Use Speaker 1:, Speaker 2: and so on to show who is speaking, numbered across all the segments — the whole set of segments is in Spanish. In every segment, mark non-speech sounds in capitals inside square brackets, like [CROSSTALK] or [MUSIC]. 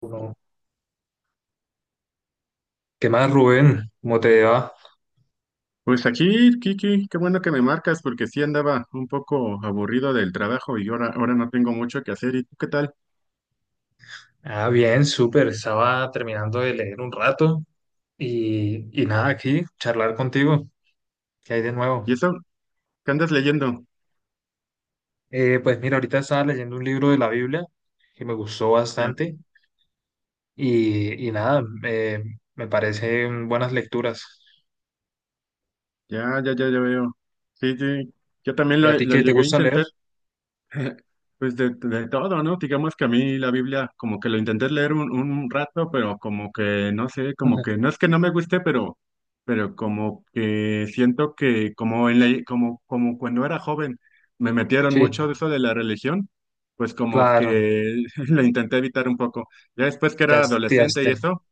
Speaker 1: Uno. ¿Qué más, Rubén? ¿Cómo te va?
Speaker 2: Pues aquí, Kiki, qué bueno que me marcas porque sí andaba un poco aburrido del trabajo y ahora no tengo mucho que hacer. ¿Y tú qué tal?
Speaker 1: Ah, bien, súper. Estaba terminando de leer un rato y nada, aquí, charlar contigo. ¿Qué hay de nuevo?
Speaker 2: ¿Y eso? ¿Qué andas leyendo?
Speaker 1: Pues mira, ahorita estaba leyendo un libro de la Biblia que me gustó
Speaker 2: Ya,
Speaker 1: bastante y nada, me parecen buenas lecturas.
Speaker 2: ya, ya, ya, ya veo. Sí, sí. Yo también
Speaker 1: ¿Y
Speaker 2: lo,
Speaker 1: a ti
Speaker 2: lo
Speaker 1: qué te
Speaker 2: llegué a
Speaker 1: gusta leer?
Speaker 2: intentar. [LAUGHS] Pues de todo, ¿no? Digamos que a mí la Biblia como que lo intenté leer un rato, pero como que no sé, como que
Speaker 1: Ajá.
Speaker 2: no es que no me guste, pero como que siento que como en la, como, como cuando era joven me metieron
Speaker 1: Sí,
Speaker 2: mucho de eso de la religión, pues como
Speaker 1: claro,
Speaker 2: que [LAUGHS] lo intenté evitar un poco. Ya después que
Speaker 1: te
Speaker 2: era adolescente
Speaker 1: hastiaste.
Speaker 2: y eso.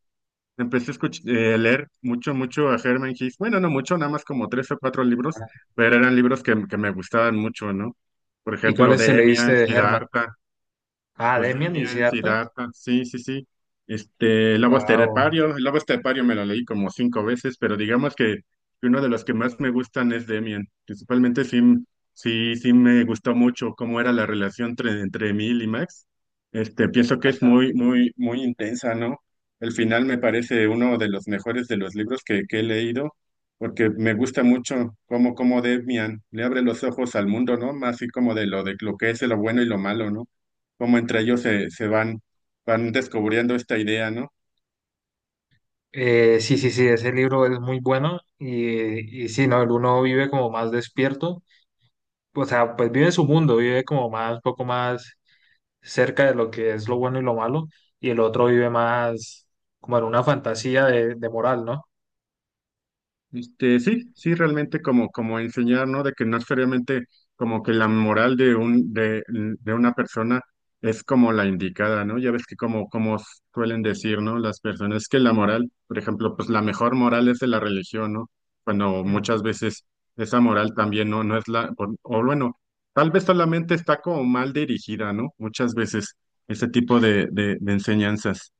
Speaker 2: Empecé a leer mucho, mucho a Herman Hesse. Bueno, no mucho, nada más como tres o cuatro libros, pero eran libros que me gustaban mucho, ¿no? Por
Speaker 1: ¿Y
Speaker 2: ejemplo,
Speaker 1: cuáles te leíste
Speaker 2: Demian,
Speaker 1: de Herman?
Speaker 2: Siddhartha.
Speaker 1: Ah,
Speaker 2: Pues
Speaker 1: Demian y
Speaker 2: Demian,
Speaker 1: Siddhartha.
Speaker 2: Siddhartha, sí, sí, sí. Este,
Speaker 1: Wow.
Speaker 2: El Lobo Estepario me lo leí como cinco veces, pero digamos que uno de los que más me gustan es Demian. Principalmente sí, sí, sí me gustó mucho cómo era la relación entre Emil y Max. Este, pienso que es muy, muy, muy intensa, ¿no? El final me parece uno de los mejores de los libros que he leído, porque me gusta mucho cómo Demian le abre los ojos al mundo, ¿no? Más así como de lo que es lo bueno y lo malo, ¿no? Cómo entre ellos se van, descubriendo esta idea, ¿no?
Speaker 1: Sí, sí, sí, ese libro es muy bueno y, sí, ¿no? El uno vive como más despierto, o sea, pues vive su mundo, vive como más, poco más cerca de lo que es lo bueno y lo malo, y el otro vive más como en una fantasía de moral, ¿no?
Speaker 2: Este, sí, sí, realmente como enseñar, ¿no? De que no es seriamente como que la moral de una persona es como la indicada, ¿no? Ya ves que como suelen decir, ¿no? Las personas que la moral, por ejemplo, pues la mejor moral es de la religión, ¿no? Cuando muchas
Speaker 1: Ujú.
Speaker 2: veces esa moral también no, no es o bueno, tal vez solamente está como mal dirigida, ¿no? Muchas veces ese tipo de enseñanzas.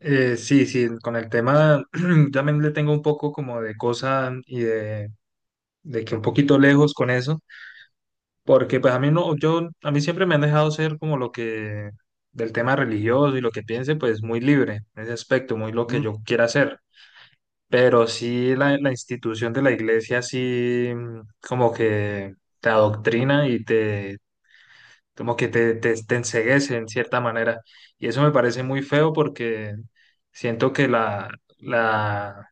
Speaker 1: Sí, sí, con el tema [CLEARS THROAT] también le tengo un poco como de cosa y de que un poquito lejos con eso. Porque pues a mí no, yo, a mí siempre me han dejado ser como lo que, del tema religioso y lo que piense, pues muy libre en ese aspecto, muy lo que yo quiera hacer. Pero sí la institución de la iglesia sí como que te adoctrina y te, como que te enceguece en cierta manera. Y eso me parece muy feo porque siento que la,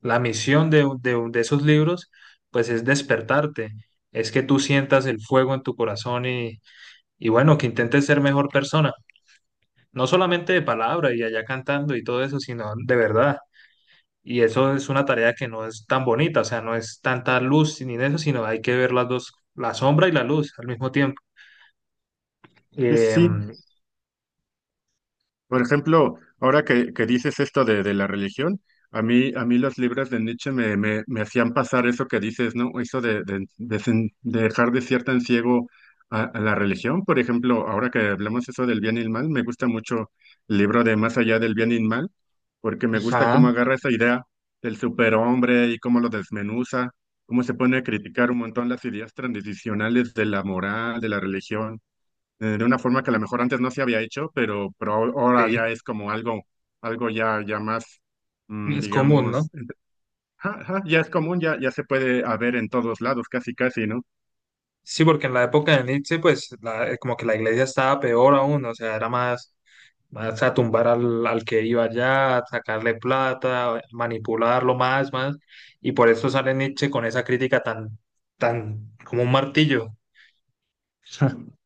Speaker 1: la misión de, un de, un de esos libros pues es despertarte, es que tú sientas el fuego en tu corazón y bueno, que intente ser mejor persona, no solamente de palabra y allá cantando y todo eso, sino de verdad. Y eso es una tarea que no es tan bonita, o sea, no es tanta luz ni de eso, sino hay que ver las dos, la sombra y la luz al mismo tiempo.
Speaker 2: Sí, sí, sí.
Speaker 1: Em,
Speaker 2: Por ejemplo, ahora que dices esto de la religión, a mí los libros de Nietzsche me hacían pasar eso que dices, ¿no? Eso de, de dejar de cierta en ciego a la religión. Por ejemplo, ahora que hablamos eso del bien y el mal, me gusta mucho el libro de Más allá del bien y el mal, porque me gusta
Speaker 1: ajá,
Speaker 2: cómo agarra esa idea del superhombre y cómo lo desmenuza, cómo se pone a criticar un montón las ideas tradicionales de la moral, de la religión, de una forma que a lo mejor antes no se había hecho, pero, pero ahora
Speaker 1: sí.
Speaker 2: ya es como algo, algo más,
Speaker 1: Es común, ¿no?
Speaker 2: digamos. [LAUGHS] Ja, ja, ya es común, ya se puede haber en todos lados, casi, casi, ¿no?
Speaker 1: Sí, porque en la época de Nietzsche, pues, la- como que la iglesia estaba peor aún, o sea, era más. Vas a tumbar al, al que iba allá, sacarle plata, manipularlo más, más. Y por eso sale Nietzsche con esa crítica tan, tan como un martillo. [LAUGHS]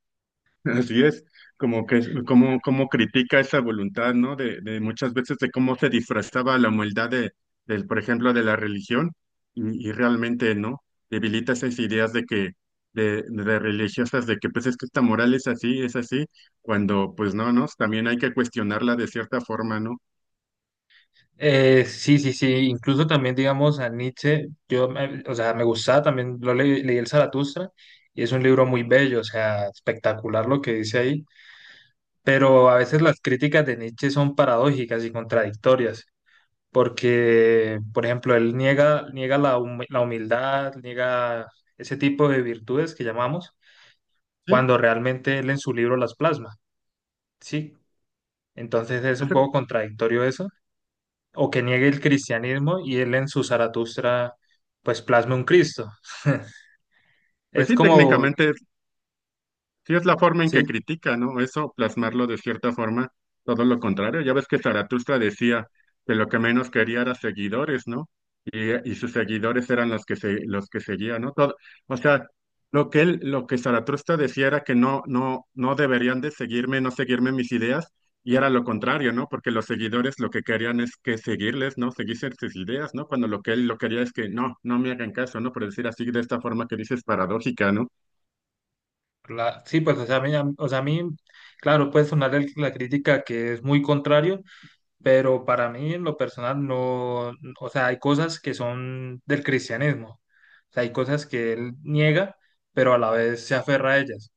Speaker 2: Así es, como que como, critica esa voluntad, ¿no? De muchas veces de cómo se disfrazaba la humildad de por ejemplo, de la religión, y realmente, ¿no? Debilita esas ideas de que de religiosas de que pues es que esta moral es así, cuando pues no, ¿no? También hay que cuestionarla de cierta forma, ¿no?
Speaker 1: Sí, sí, sí. Incluso también, digamos, a Nietzsche, yo, me- o sea, me gustaba también, lo le- leí el Zaratustra y es un libro muy bello, o sea, espectacular lo que dice ahí. Pero a veces las críticas de Nietzsche son paradójicas y contradictorias, porque, por ejemplo, él niega, niega la, humi- la humildad, niega ese tipo de virtudes que llamamos,
Speaker 2: Sí,
Speaker 1: cuando realmente él en su libro las plasma, ¿sí? Entonces es un
Speaker 2: eso-
Speaker 1: poco contradictorio eso, o que niegue el cristianismo y él en su Zaratustra, pues plasma un Cristo. [LAUGHS]
Speaker 2: pues
Speaker 1: Es
Speaker 2: sí,
Speaker 1: como,
Speaker 2: técnicamente. Sí, es la forma en que
Speaker 1: sí,
Speaker 2: critica, ¿no? Eso, plasmarlo de cierta forma, todo lo contrario. Ya ves que Zaratustra decía que lo que menos quería era seguidores, ¿no? Y sus seguidores eran los que seguían, ¿no? Todo, o sea, lo que Zaratustra decía era que no, no, no deberían de seguirme, no seguirme mis ideas, y era lo contrario, ¿no? Porque los seguidores lo que querían es que seguirles, ¿no? Seguirse sus ideas, ¿no? Cuando lo que él lo quería es que no, no me hagan caso, ¿no? Por decir así, de esta forma que dices paradójica, ¿no?
Speaker 1: la- sí, pues, o sea, a mí, a- o sea, a mí, claro, puede sonar el- la crítica que es muy contrario, pero para mí en lo personal no, o sea, hay cosas que son del cristianismo, o sea, hay cosas que él niega, pero a la vez se aferra a ellas,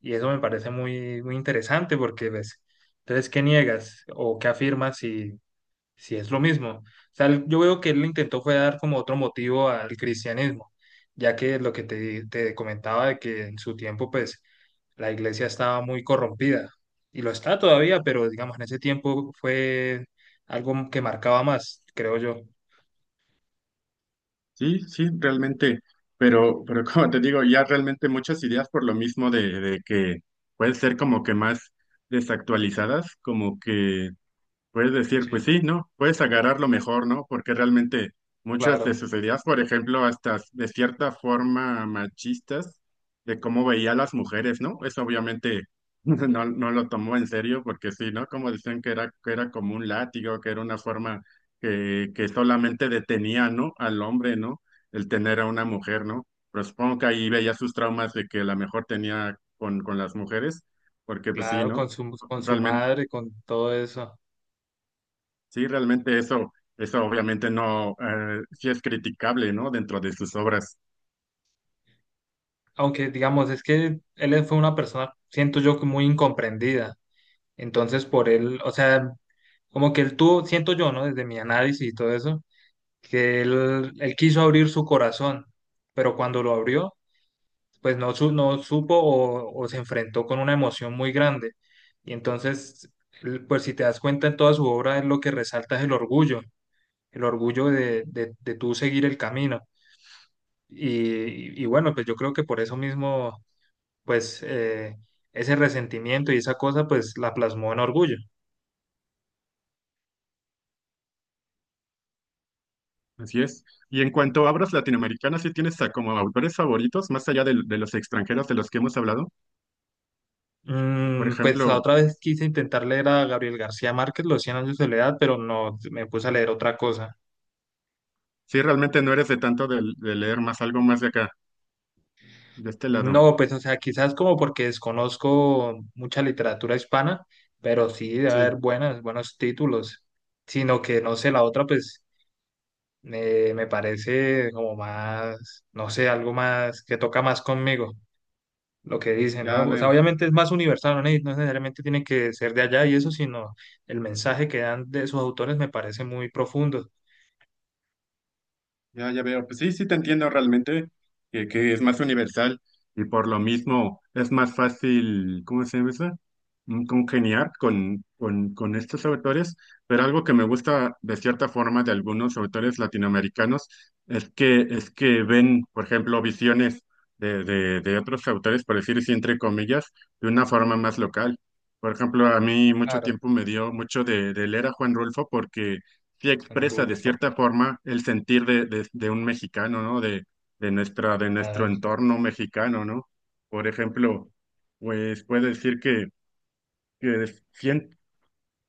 Speaker 1: y eso me parece muy, muy interesante porque ves, entonces, ¿qué niegas o qué afirmas si, sí, es lo mismo? O sea, él- yo veo que él intentó fue dar como otro motivo al cristianismo, ya que lo que te comentaba de que en su tiempo, pues, la iglesia estaba muy corrompida, y lo está todavía, pero digamos, en ese tiempo fue algo que marcaba más, creo yo.
Speaker 2: Sí, sí, realmente, pero, [LAUGHS] como te digo, ya realmente muchas ideas por lo mismo de que pueden ser como que más desactualizadas, como que puedes decir, pues
Speaker 1: Sí,
Speaker 2: sí, ¿no? Puedes agarrar lo mejor, ¿no? Porque realmente muchas de
Speaker 1: claro,
Speaker 2: sus ideas, por ejemplo, hasta de cierta forma machistas, de cómo veía a las mujeres, ¿no? Eso obviamente [LAUGHS] no, no lo tomó en serio, porque sí, ¿no? Como decían que era como un látigo, que era una forma que solamente detenía, ¿no? Al hombre, ¿no? El tener a una mujer, ¿no? Pero supongo que ahí veía sus traumas de que la mejor tenía con las mujeres, porque pues sí,
Speaker 1: claro,
Speaker 2: ¿no?
Speaker 1: con su
Speaker 2: Realmente.
Speaker 1: madre, con todo eso.
Speaker 2: Sí, realmente eso obviamente no, sí es criticable, ¿no? Dentro de sus obras.
Speaker 1: Aunque, digamos, es que él fue una persona, siento yo, que muy incomprendida. Entonces, por él, o sea, como que él tuvo, siento yo, ¿no? Desde mi análisis y todo eso, que él quiso abrir su corazón, pero cuando lo abrió, pues no, su- no supo o se enfrentó con una emoción muy grande. Y entonces, él, pues si te das cuenta en toda su obra, él lo que resalta es el orgullo de tú seguir el camino. Y bueno, pues yo creo que por eso mismo, pues ese resentimiento y esa cosa, pues la plasmó en orgullo.
Speaker 2: Así es. Y en cuanto a obras latinoamericanas, ¿sí tienes como autores favoritos, más allá de los extranjeros de los que hemos hablado? Por
Speaker 1: Pues la
Speaker 2: ejemplo,
Speaker 1: otra vez quise intentar leer a Gabriel García Márquez, Los cien años de soledad, pero no, me puse a leer otra cosa.
Speaker 2: si realmente no eres de tanto de leer más algo más de acá, de este lado.
Speaker 1: No, pues o sea, quizás como porque desconozco mucha literatura hispana, pero sí debe haber
Speaker 2: Sí,
Speaker 1: buenas, buenos títulos, sino que no sé, la otra pues me parece como más, no sé, algo más que toca más conmigo, lo que dicen,
Speaker 2: ya
Speaker 1: ¿no? O sea,
Speaker 2: veo.
Speaker 1: obviamente es más universal, no, ne- no necesariamente tiene que ser de allá y eso, sino el mensaje que dan de sus autores me parece muy profundo.
Speaker 2: Ya, ya veo. Pues sí, sí te entiendo realmente que es más universal y por lo mismo es más fácil, ¿cómo se llama eso? Congeniar con, con estos autores. Pero algo que me gusta de cierta forma de algunos autores latinoamericanos es que ven, por ejemplo, visiones de otros autores, por decir así, entre comillas, de una forma más local. Por ejemplo, a mí mucho
Speaker 1: Claro,
Speaker 2: tiempo me dio mucho de leer a Juan Rulfo porque sí
Speaker 1: en
Speaker 2: expresa de
Speaker 1: Rulfo.
Speaker 2: cierta forma el sentir de un mexicano, ¿no? De, de nuestra, de
Speaker 1: A
Speaker 2: nuestro
Speaker 1: ver,
Speaker 2: entorno mexicano, ¿no? Por ejemplo, pues puedo decir que sien-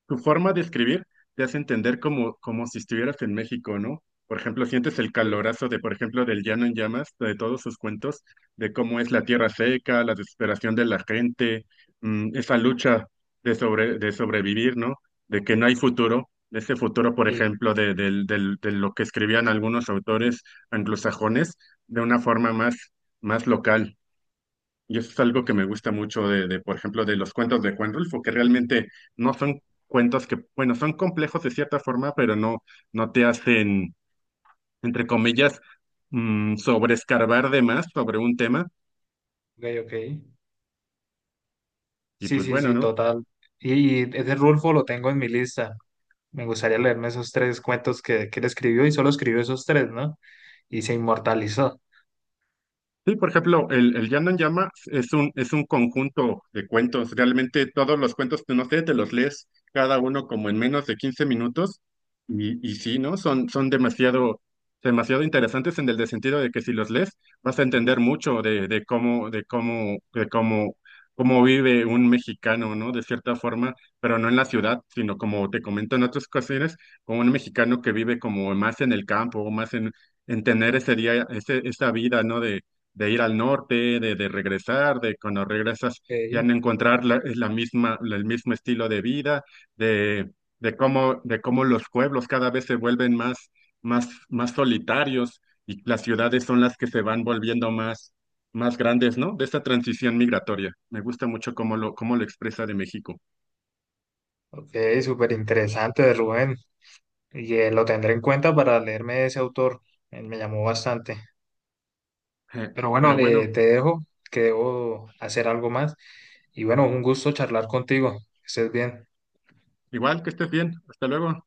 Speaker 2: tu forma de escribir te hace entender como, si estuvieras en México, ¿no? Por ejemplo, sientes el
Speaker 1: ok,
Speaker 2: calorazo de, por ejemplo, del Llano en Llamas, de todos sus cuentos, de cómo es la tierra seca, la desesperación de la gente, esa lucha de sobrevivir, ¿no? De que no hay futuro, de ese futuro, por
Speaker 1: sí,
Speaker 2: ejemplo, de lo que escribían algunos autores anglosajones de una forma más, local. Y eso es algo que me gusta mucho de, por ejemplo, de los cuentos de Juan Rulfo, que realmente no son cuentos que, bueno, son complejos de cierta forma, pero no, no te hacen, entre comillas, sobreescarbar de más sobre un tema.
Speaker 1: ok, ok.
Speaker 2: Y
Speaker 1: Sí,
Speaker 2: pues
Speaker 1: sí,
Speaker 2: bueno,
Speaker 1: sí,
Speaker 2: ¿no?
Speaker 1: total. Y ese Rulfo lo tengo en mi lista. Me gustaría leerme esos 3 cuentos que él escribió y solo escribió esos 3, ¿no? Y se inmortalizó.
Speaker 2: Sí, por ejemplo, el Llano en Llama es un, conjunto de cuentos. Realmente todos los cuentos, no sé, te los lees cada uno como en menos de 15 minutos. Y sí, ¿no? Son demasiado, demasiado interesantes en el de sentido de que si los lees vas a entender mucho cómo vive un mexicano, ¿no? De cierta forma, pero no en la ciudad, sino como te comento en otras ocasiones, como un mexicano que vive como más en el campo, más en tener ese día, esa vida, ¿no? De ir al norte, de regresar, de cuando regresas ya
Speaker 1: Ok,
Speaker 2: no encontrar el mismo estilo de vida, de, de cómo los pueblos cada vez se vuelven más, más, más solitarios y las ciudades son las que se van volviendo más, más grandes, ¿no? De esta transición migratoria. Me gusta mucho cómo lo expresa de México.
Speaker 1: ok, súper interesante de Rubén. Y lo tendré en cuenta para leerme ese autor. Me llamó bastante.
Speaker 2: [LAUGHS]
Speaker 1: Pero bueno,
Speaker 2: Pero bueno,
Speaker 1: te dejo, que debo hacer algo más. Y bueno, un gusto charlar contigo. Que estés bien.
Speaker 2: igual que estés bien. Hasta luego.